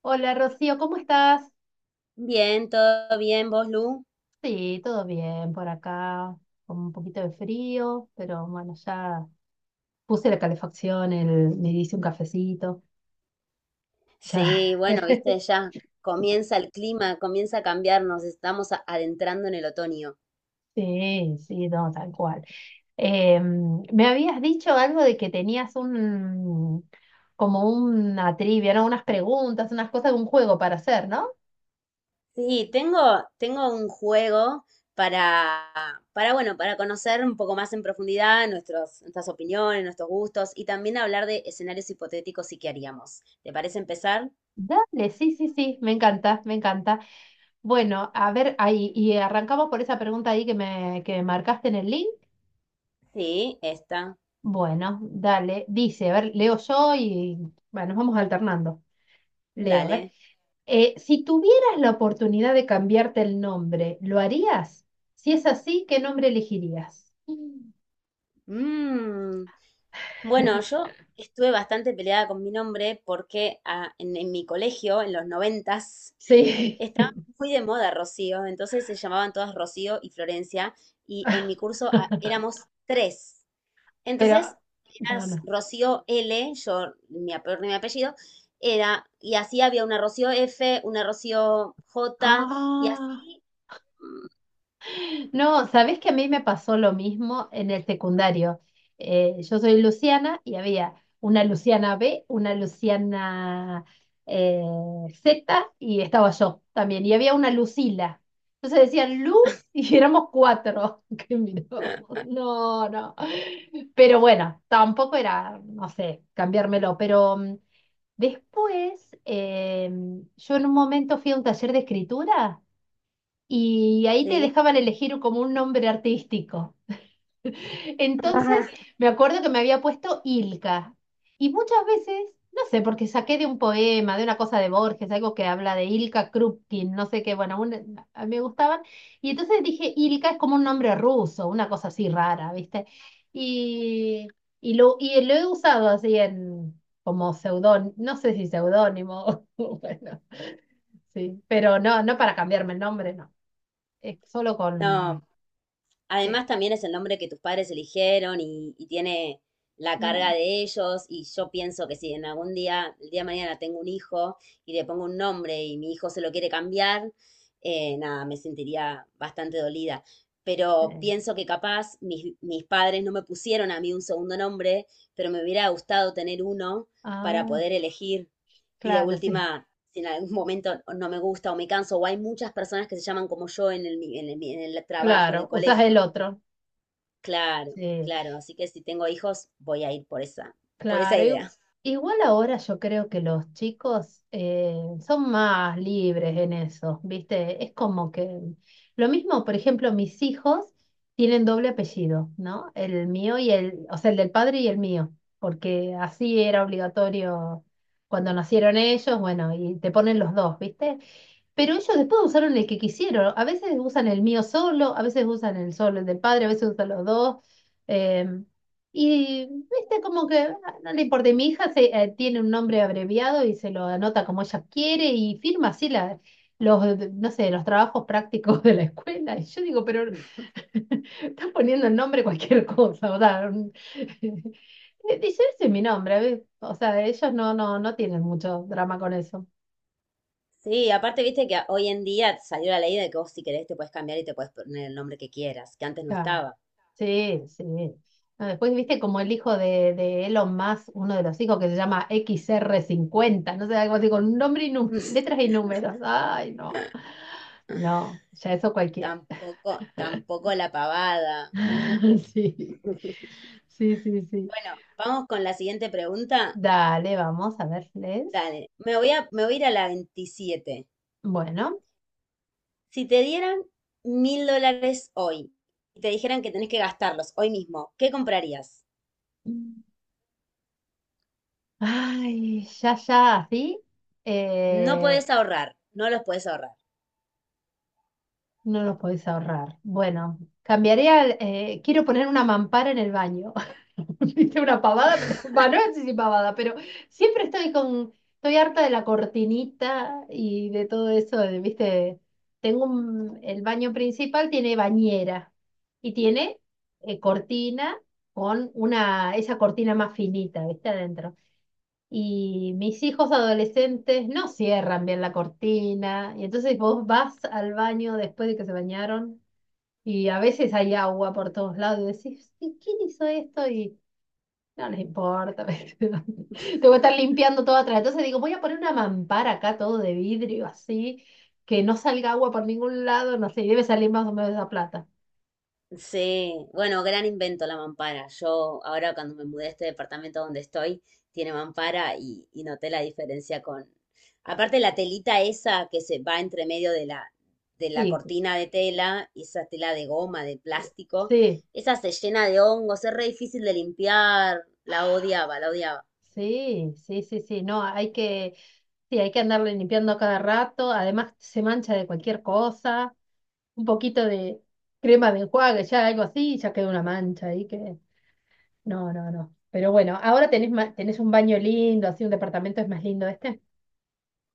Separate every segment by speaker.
Speaker 1: Hola Rocío, ¿cómo estás?
Speaker 2: Bien, todo bien, vos, Lu.
Speaker 1: Sí, todo bien por acá, con un poquito de frío, pero bueno, ya puse la calefacción, me hice un cafecito, ya.
Speaker 2: Sí, bueno, viste, ya comienza el clima, comienza a cambiar, nos estamos adentrando en el otoño.
Speaker 1: Sí, sí, no, tal cual. Me habías dicho algo de que tenías como una trivia, ¿no? Unas preguntas, unas cosas, un juego para hacer, ¿no?
Speaker 2: Sí, tengo un juego para, para, bueno, para conocer un poco más en profundidad nuestros, nuestras opiniones, nuestros gustos y también hablar de escenarios hipotéticos y qué haríamos. ¿Te parece empezar?
Speaker 1: Dale, sí, sí, sí, me encanta, me encanta. Bueno, a ver, ahí, y arrancamos por esa pregunta ahí que me marcaste en el link.
Speaker 2: Sí, esta.
Speaker 1: Bueno, dale. Dice, a ver, leo yo y bueno, nos vamos alternando. Leo, a ver.
Speaker 2: Dale.
Speaker 1: Si tuvieras la oportunidad de cambiarte el nombre, ¿lo harías? Si es así, ¿qué nombre elegirías? Mm.
Speaker 2: Mmm. Bueno, yo estuve bastante peleada con mi nombre porque en mi colegio, en los 90s,
Speaker 1: Sí.
Speaker 2: estaba muy de moda Rocío, entonces se llamaban todas Rocío y Florencia, y en mi curso éramos tres. Entonces,
Speaker 1: Pero, no,
Speaker 2: eras
Speaker 1: no.
Speaker 2: Rocío L, mi apellido, era, y así había una Rocío F, una Rocío J, y
Speaker 1: Ah.
Speaker 2: así, mm,
Speaker 1: No, sabés que a mí me pasó lo mismo en el secundario. Yo soy Luciana y había una Luciana B, una Luciana eh, Z y estaba yo también. Y había una Lucila. Entonces decían Lu y éramos cuatro. Que mirábamos. No, no. Pero bueno, tampoco era, no sé, cambiármelo. Pero después, yo en un momento fui a un taller de escritura y ahí te
Speaker 2: ¿sí?
Speaker 1: dejaban elegir como un nombre artístico. Entonces, me acuerdo que me había puesto Ilka. Y muchas veces, no sé, porque saqué de un poema, de una cosa de Borges, algo que habla de Ilka Krupkin, no sé qué, bueno, a mí me gustaban. Y entonces dije, Ilka es como un nombre ruso, una cosa así rara, ¿viste? Y, y lo he usado así en, como seudónimo, no sé si seudónimo, bueno, sí, pero no, no para cambiarme el nombre, no solo
Speaker 2: No,
Speaker 1: con... sí,
Speaker 2: además, también es el nombre que tus padres eligieron y tiene la carga
Speaker 1: mm,
Speaker 2: de ellos. Y yo pienso que si en algún día, el día de mañana, tengo un hijo y le pongo un nombre y mi hijo se lo quiere cambiar, nada, me sentiría bastante dolida. Pero
Speaker 1: eh,
Speaker 2: pienso que capaz mis padres no me pusieron a mí un segundo nombre, pero me hubiera gustado tener uno para
Speaker 1: Ah,
Speaker 2: poder elegir. Y de
Speaker 1: claro, sí.
Speaker 2: última, si en algún momento no me gusta o me canso, o hay muchas personas que se llaman como yo en el trabajo, en el
Speaker 1: Claro, usas
Speaker 2: colegio.
Speaker 1: el otro.
Speaker 2: Claro,
Speaker 1: Sí,
Speaker 2: claro. Así que si tengo hijos, voy a ir por esa
Speaker 1: claro.
Speaker 2: idea.
Speaker 1: Igual ahora yo creo que los chicos son más libres en eso, ¿viste? Es como que lo mismo, por ejemplo, mis hijos tienen doble apellido, ¿no? El mío y o sea, el del padre y el mío, porque así era obligatorio cuando nacieron ellos, bueno, y te ponen los dos, ¿viste? Pero ellos después usaron el que quisieron. A veces usan el mío solo, a veces usan el solo, el del padre, a veces usan los dos. em, y viste, como que no le importa. Y mi hija tiene un nombre abreviado y se lo anota como ella quiere y firma así no sé, los trabajos prácticos de la escuela. Y yo digo, pero estás poniendo el nombre cualquier cosa. O sea, dice, ese es mi nombre. ¿Ves? O sea, ellos no, no, no tienen mucho drama con eso.
Speaker 2: Sí, aparte, viste que hoy en día salió la ley de que vos si querés te puedes cambiar y te puedes poner el nombre que quieras, que antes no
Speaker 1: Claro.
Speaker 2: estaba.
Speaker 1: Sí, sí. No, después viste como el hijo de Elon Musk, uno de los hijos que se llama XR50 no sé, algo así con un nombre y letras y números. Ay, no, no, ya eso cualquiera.
Speaker 2: Tampoco, tampoco la pavada.
Speaker 1: Sí, sí, sí, sí.
Speaker 2: Bueno, vamos con la siguiente pregunta.
Speaker 1: Dale, vamos a verles.
Speaker 2: Dale, me voy a ir a la 27.
Speaker 1: Bueno.
Speaker 2: Si te dieran $1000 hoy y te dijeran que tenés que gastarlos hoy mismo, ¿qué comprarías?
Speaker 1: Ay, ya, ya, así.
Speaker 2: No podés ahorrar, no los podés ahorrar.
Speaker 1: No los podés ahorrar. Bueno, cambiaría, quiero poner una mampara en el baño. Viste una pavada, pero va, no sé si pavada, pero siempre estoy harta de la cortinita y de todo eso, de, viste, tengo el baño principal tiene bañera y tiene cortina con una, esa cortina más finita, viste, adentro. Y mis hijos adolescentes no cierran bien la cortina, y entonces vos vas al baño después de que se bañaron, y a veces hay agua por todos lados, y decís, "¿Y quién hizo esto? Y no les importa, ¿Viste? Te voy a estar limpiando todo atrás. Entonces digo, voy a poner una mampara acá, todo de vidrio, así, que no salga agua por ningún lado, no sé, y debe salir más o menos esa plata.
Speaker 2: Sí, bueno, gran invento la mampara. Yo ahora cuando me mudé a este departamento donde estoy, tiene mampara y noté la diferencia con... Aparte la telita esa que se va entre medio de la
Speaker 1: Sí,
Speaker 2: cortina de tela, y esa tela de goma, de plástico,
Speaker 1: sí.
Speaker 2: esa se llena de hongos, es re difícil de limpiar, la odiaba, la odiaba.
Speaker 1: Sí, sí, sí, sí. No, hay que, sí, hay que andarle limpiando a cada rato. Además, se mancha de cualquier cosa. Un poquito de crema de enjuague, ya algo así, ya queda una mancha ahí que. No, no, no. Pero bueno, ahora tenés un baño lindo, así un departamento es más lindo este.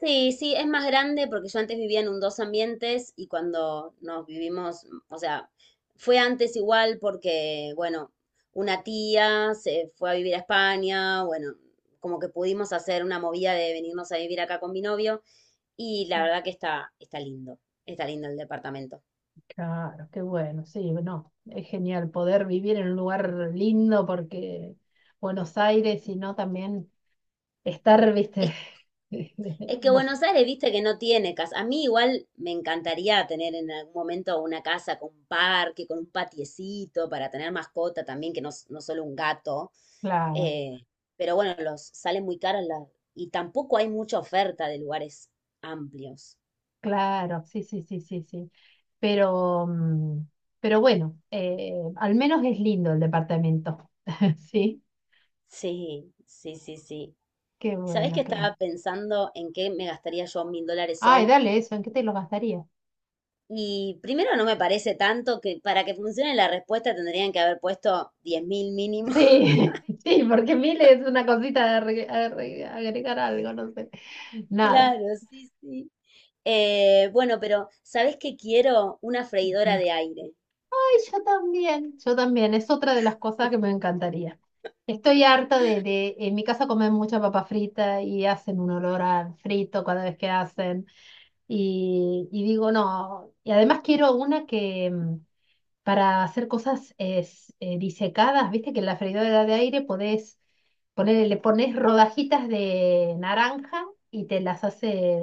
Speaker 2: Sí, sí, es más grande porque yo antes vivía en un dos ambientes y cuando nos vivimos, o sea, fue antes igual porque, bueno, una tía se fue a vivir a España, bueno, como que pudimos hacer una movida de venirnos a vivir acá con mi novio y la verdad que está, está lindo el departamento.
Speaker 1: Claro, qué bueno, sí, no. Es genial poder vivir en un lugar lindo porque Buenos Aires, y no también estar, viste,
Speaker 2: Es, es que
Speaker 1: no,
Speaker 2: Buenos Aires, viste que no tiene casa. A mí igual me encantaría tener en algún momento una casa con un parque, con un patiecito para tener mascota también, que no, no solo un gato.
Speaker 1: claro.
Speaker 2: Eh, pero bueno, los salen muy caros y tampoco hay mucha oferta de lugares amplios.
Speaker 1: Claro, sí, sí, sí, sí, sí. Pero, mm, pero bueno, al menos es lindo el departamento. Sí,
Speaker 2: Sí, sí, sí, sí.
Speaker 1: qué
Speaker 2: ¿Sabés que
Speaker 1: bueno, qué bueno.
Speaker 2: estaba pensando en qué me gastaría yo $1000
Speaker 1: Ay,
Speaker 2: hoy?
Speaker 1: dale eso, ¿en qué te lo gastaría?
Speaker 2: Y primero no me parece tanto que para que funcione la respuesta tendrían que haber puesto 10.000 mínimo.
Speaker 1: Sí, sí, porque 1.000 es una cosita de agregar algo, no sé. Nada.
Speaker 2: Claro, sí, sí. Bueno, pero ¿sabés que quiero? Una freidora
Speaker 1: Decime.
Speaker 2: de aire.
Speaker 1: Ay, yo también, es otra de las cosas que me encantaría. Estoy harta en mi casa comen mucha papa frita y hacen un olor a frito cada vez que hacen. Y digo, no, y además quiero una que para hacer cosas es, disecadas, viste que en la freidora de aire podés le pones rodajitas de naranja y te las hace,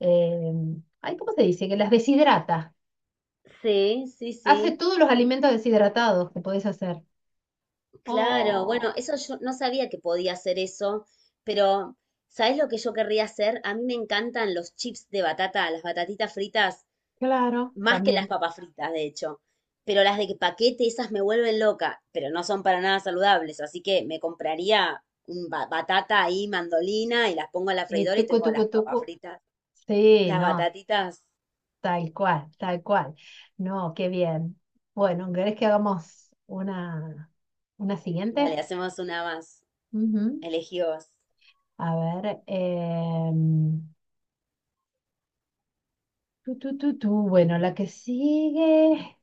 Speaker 1: eh, ay, ¿cómo se dice? Que las deshidrata.
Speaker 2: Sí, sí,
Speaker 1: Hace
Speaker 2: sí.
Speaker 1: todos los alimentos deshidratados que podés hacer.
Speaker 2: Claro, bueno,
Speaker 1: Oh,
Speaker 2: eso yo no sabía que podía hacer eso, pero ¿sabes lo que yo querría hacer? A mí me encantan los chips de batata, las batatitas fritas,
Speaker 1: claro,
Speaker 2: más que las
Speaker 1: también.
Speaker 2: papas fritas, de hecho. Pero las de paquete, esas me vuelven loca, pero no son para nada saludables, así que me compraría un batata ahí, mandolina, y las pongo a la freidora y
Speaker 1: Tucu,
Speaker 2: tengo
Speaker 1: tucu,
Speaker 2: las
Speaker 1: tucu.
Speaker 2: papas fritas.
Speaker 1: Sí,
Speaker 2: Las
Speaker 1: no,
Speaker 2: batatitas,
Speaker 1: tal cual, tal cual. No, qué bien. Bueno, ¿querés que hagamos una siguiente?
Speaker 2: dale, hacemos una más.
Speaker 1: Ujú.
Speaker 2: Elegí vos.
Speaker 1: A ver. Em, tú tú tú tu. Bueno, la que sigue.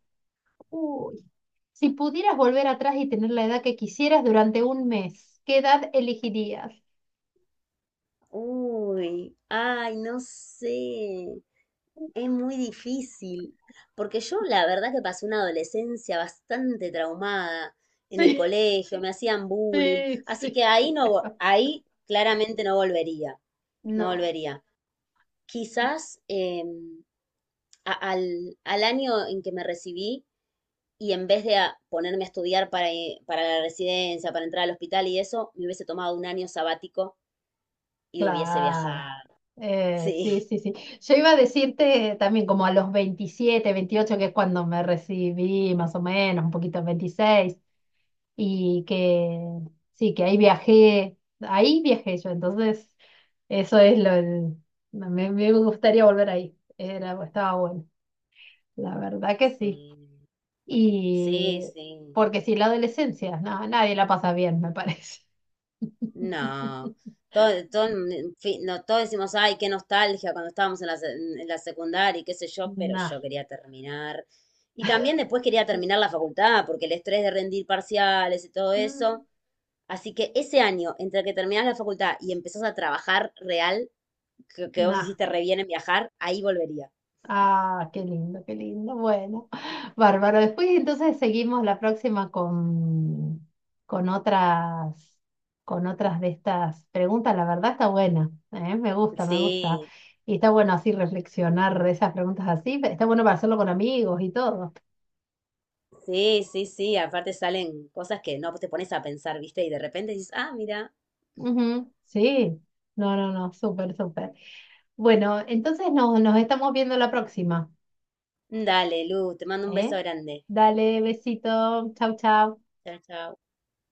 Speaker 1: Uy. Si pudieras volver atrás y tener la edad que quisieras durante un mes, ¿qué edad elegirías?
Speaker 2: Uy, ay, no sé. Es muy difícil, porque yo la verdad que pasé una adolescencia bastante traumada en el colegio, me hacían bullying,
Speaker 1: Sí,
Speaker 2: así
Speaker 1: sí,
Speaker 2: que
Speaker 1: sí.
Speaker 2: ahí no, ahí claramente no volvería, no
Speaker 1: No.
Speaker 2: volvería. Quizás al año en que me recibí y en vez de ponerme a estudiar para la residencia, para entrar al hospital y eso, me hubiese tomado un año sabático y hubiese
Speaker 1: Claro.
Speaker 2: viajado. Sí,
Speaker 1: Sí, sí, sí. Yo iba a decirte también como a los 27 28 que es cuando me recibí, más o menos, un poquito 26 y que sí, que ahí viajé yo, entonces eso es lo, el- me gustaría volver ahí. Estaba bueno, la verdad que sí.
Speaker 2: sí, sí,
Speaker 1: Y
Speaker 2: sí.
Speaker 1: porque si la adolescencia, no, nadie la pasa bien, me parece.
Speaker 2: No, todo, todo, en fin, no, todos decimos, ay, qué nostalgia cuando estábamos en la secundaria y qué sé yo, pero
Speaker 1: Nah.
Speaker 2: yo quería terminar. Y también después quería terminar la facultad, porque el estrés de rendir parciales y todo eso.
Speaker 1: Mm,
Speaker 2: Así que ese año, entre que terminás la facultad y empezás a trabajar real, que vos
Speaker 1: Nah.
Speaker 2: hiciste re bien en viajar, ahí volvería.
Speaker 1: Ah, qué lindo, qué lindo. Bueno, bárbaro. Después entonces seguimos la próxima con, con otras, con otras de estas preguntas. La verdad está buena, ¿eh? Me gusta, me gusta.
Speaker 2: Sí,
Speaker 1: Y está bueno así reflexionar de esas preguntas así. Está bueno para hacerlo con amigos y todo.
Speaker 2: sí, sí, sí. Aparte salen cosas que no te pones a pensar, ¿viste? Y de repente dices, ah, mira,
Speaker 1: Ujú, sí. No, no, no, súper, súper. Bueno, entonces nos estamos viendo la próxima,
Speaker 2: dale, Lu, te mando un beso
Speaker 1: ¿eh?
Speaker 2: grande.
Speaker 1: Dale, besito. Chau, chau.
Speaker 2: Chao, chao.